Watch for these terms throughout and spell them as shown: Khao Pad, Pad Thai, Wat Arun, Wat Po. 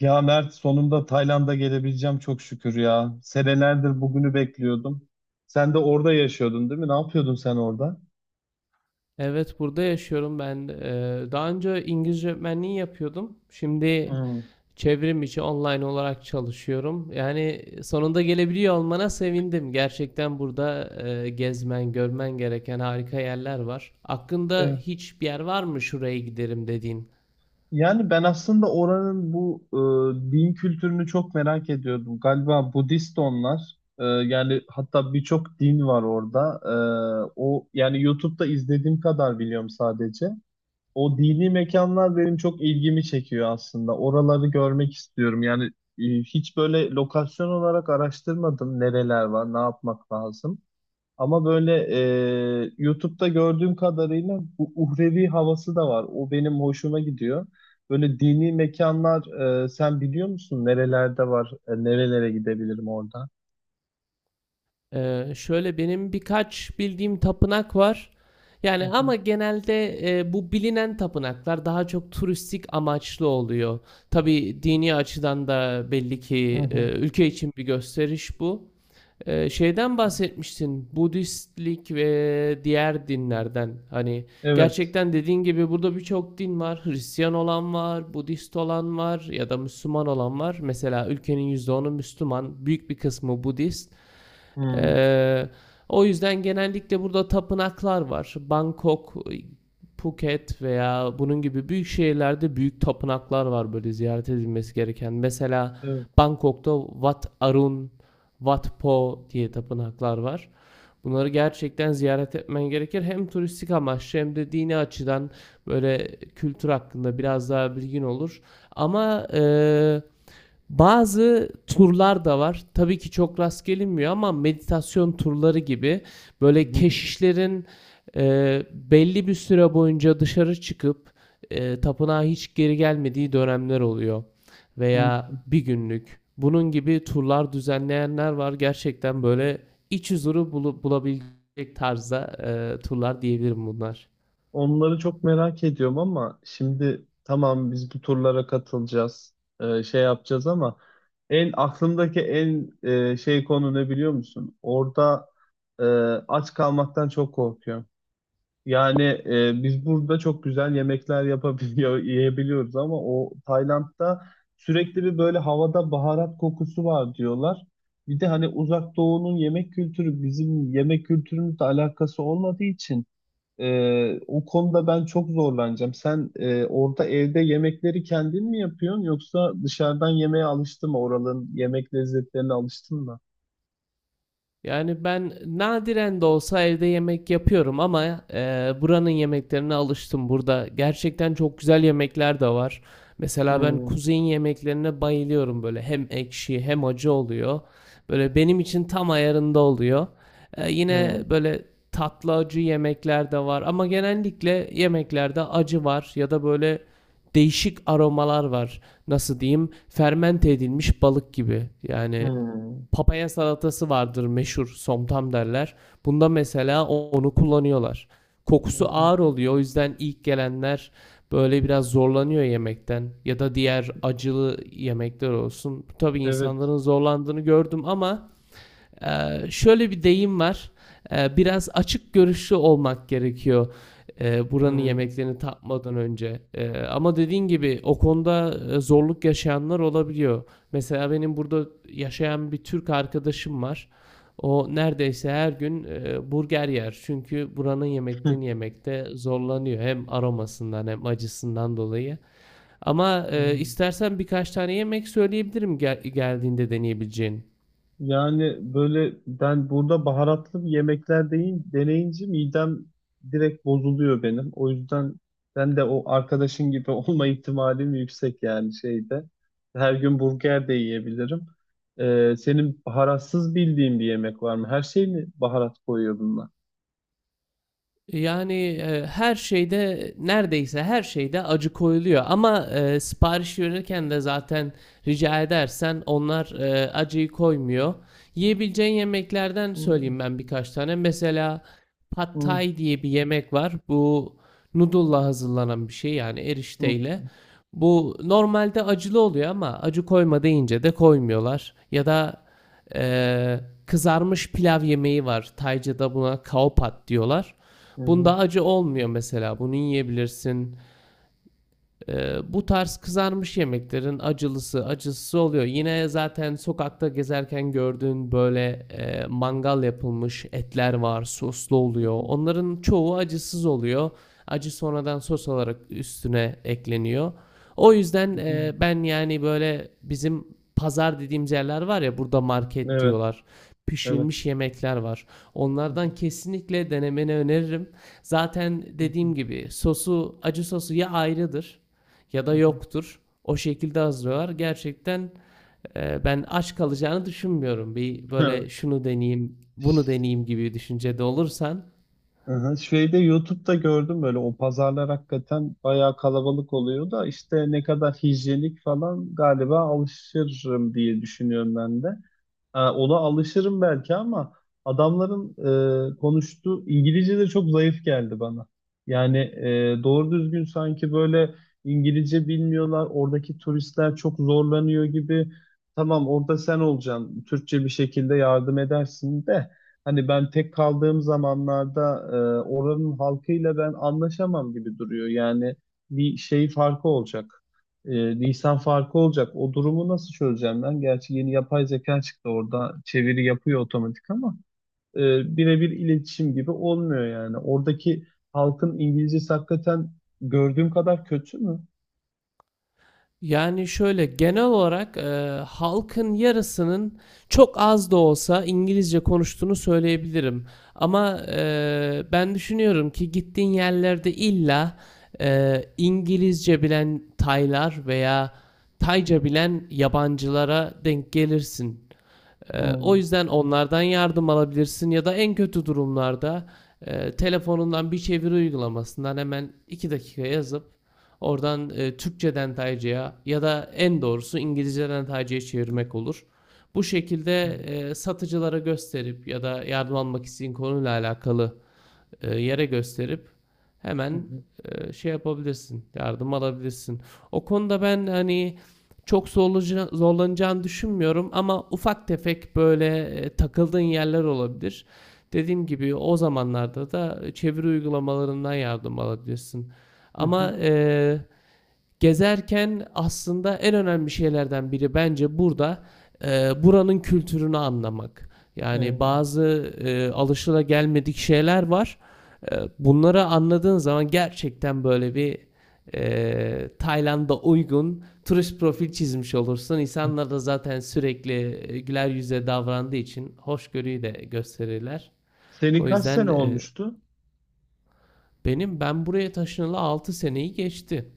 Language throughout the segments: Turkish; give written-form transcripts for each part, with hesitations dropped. Ya Mert sonunda Tayland'a gelebileceğim çok şükür ya. Senelerdir bugünü bekliyordum. Sen de orada yaşıyordun değil mi? Ne yapıyordun sen orada? Evet, burada yaşıyorum ben. Daha önce İngilizce öğretmenliği yapıyordum. Şimdi Hmm. çevrim içi online olarak çalışıyorum. Yani sonunda gelebiliyor olmana sevindim. Gerçekten burada gezmen, görmen gereken harika yerler var. Aklında Evet. hiçbir yer var mı şuraya giderim dediğin? Yani ben aslında oranın bu din kültürünü çok merak ediyordum. Galiba Budist onlar. Yani hatta birçok din var orada. O yani YouTube'da izlediğim kadar biliyorum sadece. O dini mekanlar benim çok ilgimi çekiyor aslında. Oraları görmek istiyorum. Yani hiç böyle lokasyon olarak araştırmadım nereler var, ne yapmak lazım. Ama böyle YouTube'da gördüğüm kadarıyla bu uhrevi havası da var. O benim hoşuma gidiyor. Böyle dini mekanlar sen biliyor musun nerelerde var? Nerelere gidebilirim orada? Şöyle benim birkaç bildiğim tapınak var. Hı Yani hı, ama genelde bu bilinen tapınaklar daha çok turistik amaçlı oluyor. Tabii dini açıdan da belli ki hı hı. Ülke için bir gösteriş bu. Şeyden bahsetmiştin, Budistlik ve diğer dinlerden. Hani Evet. gerçekten dediğin gibi burada birçok din var. Hristiyan olan var, Budist olan var ya da Müslüman olan var. Mesela ülkenin %10'u Müslüman, büyük bir kısmı Budist. Hmm, Ee, o yüzden genellikle burada tapınaklar var. Bangkok, Phuket veya bunun gibi büyük şehirlerde büyük tapınaklar var böyle ziyaret edilmesi gereken. Mesela evet. Bangkok'ta Wat Arun, Wat Po diye tapınaklar var. Bunları gerçekten ziyaret etmen gerekir. Hem turistik amaçlı hem de dini açıdan böyle kültür hakkında biraz daha bilgin olur. Ama bazı turlar da var. Tabii ki çok rast gelinmiyor ama meditasyon turları gibi Hı böyle hı. keşişlerin belli bir süre boyunca dışarı çıkıp tapınağa hiç geri gelmediği dönemler oluyor. Veya Hı. bir günlük. Bunun gibi turlar düzenleyenler var. Gerçekten böyle iç huzuru bulabilecek tarzda turlar diyebilirim bunlar. Onları çok merak ediyorum ama şimdi tamam biz bu turlara katılacağız, şey yapacağız ama aklımdaki en şey konu ne biliyor musun? Orada e, aç kalmaktan çok korkuyorum. Yani biz burada çok güzel yemekler yapabiliyor, yiyebiliyoruz ama o Tayland'da sürekli bir böyle havada baharat kokusu var diyorlar. Bir de hani Uzak Doğu'nun yemek kültürü bizim yemek kültürümüzle alakası olmadığı için. O konuda ben çok zorlanacağım. Sen orada evde yemekleri kendin mi yapıyorsun yoksa dışarıdan yemeğe alıştın mı? Oraların yemek lezzetlerine alıştın mı? Yani ben nadiren de olsa evde yemek yapıyorum ama buranın yemeklerine alıştım. Burada gerçekten çok güzel yemekler de var. Mesela ben Hmm, kuzey'in yemeklerine bayılıyorum böyle hem ekşi hem acı oluyor. Böyle benim için tam ayarında oluyor. Yine hmm, böyle tatlı acı yemekler de var ama genellikle yemeklerde acı var ya da böyle değişik aromalar var. Nasıl diyeyim? Fermente edilmiş balık gibi. Yani hmm. papaya salatası vardır meşhur somtam derler. Bunda mesela onu kullanıyorlar. Hı Kokusu hı. ağır oluyor o yüzden ilk gelenler böyle biraz zorlanıyor yemekten ya da diğer acılı yemekler olsun. Tabii Evet. insanların zorlandığını gördüm ama şöyle bir deyim var. Biraz açık görüşlü olmak gerekiyor. Buranın Hmm. yemeklerini tatmadan önce. Ama dediğin gibi o konuda zorluk yaşayanlar olabiliyor. Mesela benim burada yaşayan bir Türk arkadaşım var. O neredeyse her gün burger yer. Çünkü buranın yemeklerini yemekte zorlanıyor. Hem aromasından hem acısından dolayı. Ama istersen birkaç tane yemek söyleyebilirim geldiğinde deneyebileceğin. Yani böyle ben burada baharatlı bir yemekler deneyince midem direkt bozuluyor benim. O yüzden ben de o arkadaşın gibi olma ihtimalim yüksek yani şeyde. Her gün burger de yiyebilirim. Senin baharatsız bildiğin bir yemek var mı? Her şey mi baharat koyuyor bunlar? Yani, her şeyde, neredeyse her şeyde acı koyuluyor ama, sipariş verirken de zaten rica edersen onlar, acıyı koymuyor. Yiyebileceğin yemeklerden Hı, söyleyeyim ben birkaç tane. Mesela Pad hı, Thai diye bir yemek var. Bu noodle'la hazırlanan bir şey, yani hı, erişteyle. Bu normalde acılı oluyor ama acı koyma deyince de koymuyorlar. Ya da, eee, kızarmış pilav yemeği var. Tayca'da buna Khao Pad diyorlar. hı, hı, Bunda acı olmuyor mesela. Bunu yiyebilirsin. Bu tarz kızarmış yemeklerin acılısı, acısız oluyor. Yine zaten sokakta gezerken gördüğün böyle mangal yapılmış etler var, soslu oluyor. Onların çoğu acısız oluyor. Acı sonradan sos olarak üstüne ekleniyor. O yüzden hı, hı. Ben yani böyle bizim pazar dediğimiz yerler var ya burada market Evet, diyorlar. evet. Pişirilmiş yemekler var. Hı, Onlardan kesinlikle denemeni öneririm. Zaten hı, hı, dediğim gibi sosu acı sosu ya ayrıdır ya da hı, yoktur. O şekilde hazırlıyorlar. Gerçekten ben aç kalacağını düşünmüyorum. Bir hı. böyle şunu deneyeyim, bunu deneyeyim gibi düşüncede olursan. Aha, şeyde YouTube'da gördüm böyle o pazarlar hakikaten bayağı kalabalık oluyor da işte ne kadar hijyenik falan galiba alışırım diye düşünüyorum ben de. Ona alışırım belki ama adamların konuştuğu İngilizce de çok zayıf geldi bana. Yani doğru düzgün sanki böyle İngilizce bilmiyorlar. Oradaki turistler çok zorlanıyor gibi. Tamam orada sen olacaksın. Türkçe bir şekilde yardım edersin de. Hani ben tek kaldığım zamanlarda e, oranın halkıyla ben anlaşamam gibi duruyor. Yani bir şey farkı olacak Nisan farkı olacak. O durumu nasıl çözeceğim ben? Gerçi yeni yapay zeka çıktı orada çeviri yapıyor otomatik ama e, birebir iletişim gibi olmuyor yani. Oradaki halkın İngilizcesi hakikaten gördüğüm kadar kötü mü? Yani şöyle genel olarak halkın yarısının çok az da olsa İngilizce konuştuğunu söyleyebilirim. Ama ben düşünüyorum ki gittiğin yerlerde illa İngilizce bilen Taylar veya Tayca bilen yabancılara denk gelirsin. O Evet. yüzden onlardan yardım alabilirsin ya da en kötü durumlarda telefonundan bir çeviri uygulamasından hemen 2 dakika yazıp oradan Türkçeden Tayca'ya ya da en doğrusu İngilizceden Tayca'ya çevirmek olur. Bu şekilde satıcılara gösterip ya da yardım almak isteyen konuyla alakalı yere gösterip Hı hemen hı. Şey yapabilirsin, yardım alabilirsin. O konuda ben hani zorlanacağını düşünmüyorum ama ufak tefek böyle takıldığın yerler olabilir. Dediğim gibi o zamanlarda da çeviri uygulamalarından yardım alabilirsin. Hı hı. Ama e, Gezerken aslında en önemli şeylerden biri bence burada buranın kültürünü anlamak. Yani Hı. bazı alışılagelmedik şeyler var. Bunları anladığın zaman gerçekten böyle bir Tayland'a uygun turist profil çizmiş olursun. Ee, İnsanlar da zaten sürekli güler yüzle davrandığı için hoşgörüyü de gösterirler. Senin O kaç yüzden sene olmuştu? Ben buraya taşınalı 6 seneyi geçti.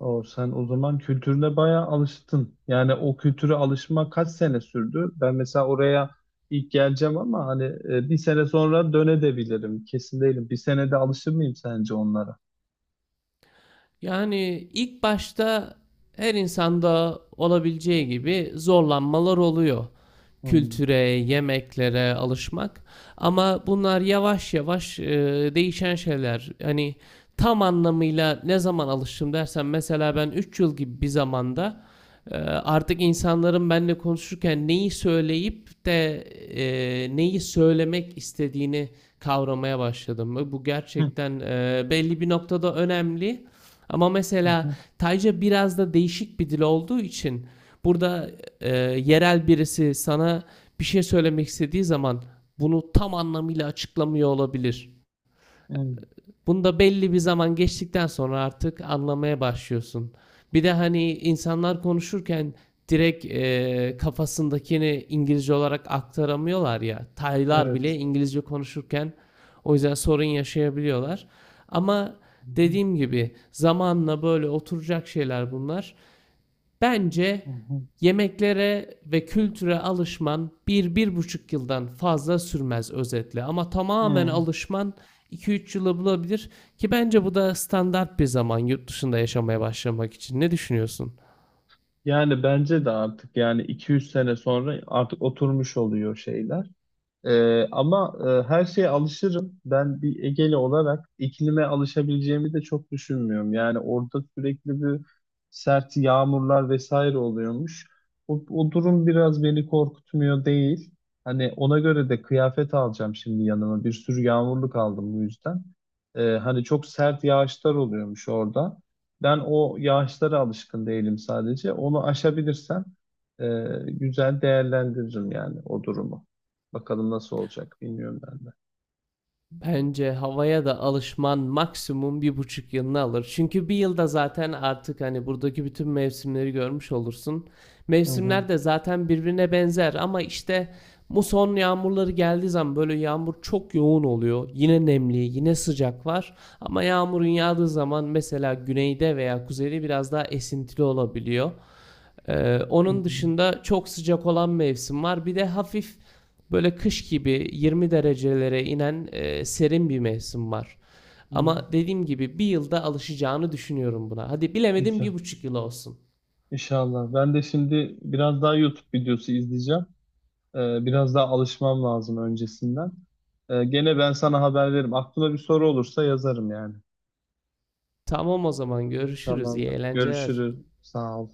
O sen o zaman kültürüne bayağı alıştın. Yani o kültüre alışma kaç sene sürdü? Ben mesela oraya ilk geleceğim ama hani bir sene sonra dönebilirim. Kesin değilim. Bir senede alışır mıyım sence onlara? Yani ilk başta her insanda olabileceği gibi zorlanmalar oluyor. Hmm. Kültüre, yemeklere alışmak. Ama bunlar yavaş yavaş değişen şeyler. Hani tam anlamıyla ne zaman alıştım dersen mesela ben 3 yıl gibi bir zamanda artık insanların benimle konuşurken neyi söyleyip de neyi söylemek istediğini kavramaya başladım. Bu Hı, gerçekten belli bir noktada önemli. Ama hı, mesela hı, Tayca biraz da değişik bir dil olduğu için burada yerel birisi sana bir şey söylemek istediği zaman bunu tam anlamıyla açıklamıyor olabilir. hı, Bunda belli bir zaman geçtikten sonra artık anlamaya başlıyorsun. Bir de hani insanlar konuşurken direkt kafasındakini İngilizce olarak aktaramıyorlar ya. Taylar bile Evet. İngilizce konuşurken o yüzden sorun yaşayabiliyorlar. Ama Hı, dediğim gibi zamanla böyle oturacak şeyler bunlar. hı, Bence hı, yemeklere ve kültüre alışman bir 1,5 yıldan fazla sürmez özetle. Ama tamamen hı. alışman 2-3 yılı bulabilir ki bence bu da standart bir zaman yurt dışında yaşamaya başlamak için. Ne düşünüyorsun? Yani bence de artık yani iki üç sene sonra artık oturmuş oluyor şeyler. Ama her şeye alışırım. Ben bir Egeli olarak iklime alışabileceğimi de çok düşünmüyorum. Yani orada sürekli bir sert yağmurlar vesaire oluyormuş. O durum biraz beni korkutmuyor değil. Hani ona göre de kıyafet alacağım şimdi yanıma. Bir sürü yağmurluk aldım bu yüzden. Hani çok sert yağışlar oluyormuş orada. Ben o yağışlara alışkın değilim sadece. Onu aşabilirsem güzel değerlendiririm yani o durumu. Bakalım nasıl olacak bilmiyorum ben de. Bence havaya da alışman maksimum 1,5 yılını alır. Çünkü bir yılda zaten artık hani buradaki bütün mevsimleri görmüş olursun. Hı hı. Mevsimler de zaten birbirine benzer ama işte muson yağmurları geldiği zaman böyle yağmur çok yoğun oluyor. Yine nemli, yine sıcak var. Ama yağmurun yağdığı zaman mesela güneyde veya kuzeyde biraz daha esintili olabiliyor. Ee, Hı onun hı. dışında çok sıcak olan mevsim var. Bir de hafif böyle kış gibi 20 derecelere inen serin bir mevsim var. Hı. Ama dediğim gibi bir yılda alışacağını düşünüyorum buna. Hadi bilemedim bir Güzel. buçuk yıl olsun. İnşallah. Ben de şimdi biraz daha YouTube videosu izleyeceğim. Biraz daha alışmam lazım öncesinden. Gene ben sana haber veririm. Aklına bir soru olursa yazarım yani. Tamam o zaman görüşürüz. İyi Tamamdır. eğlenceler. Görüşürüz. Sağ ol.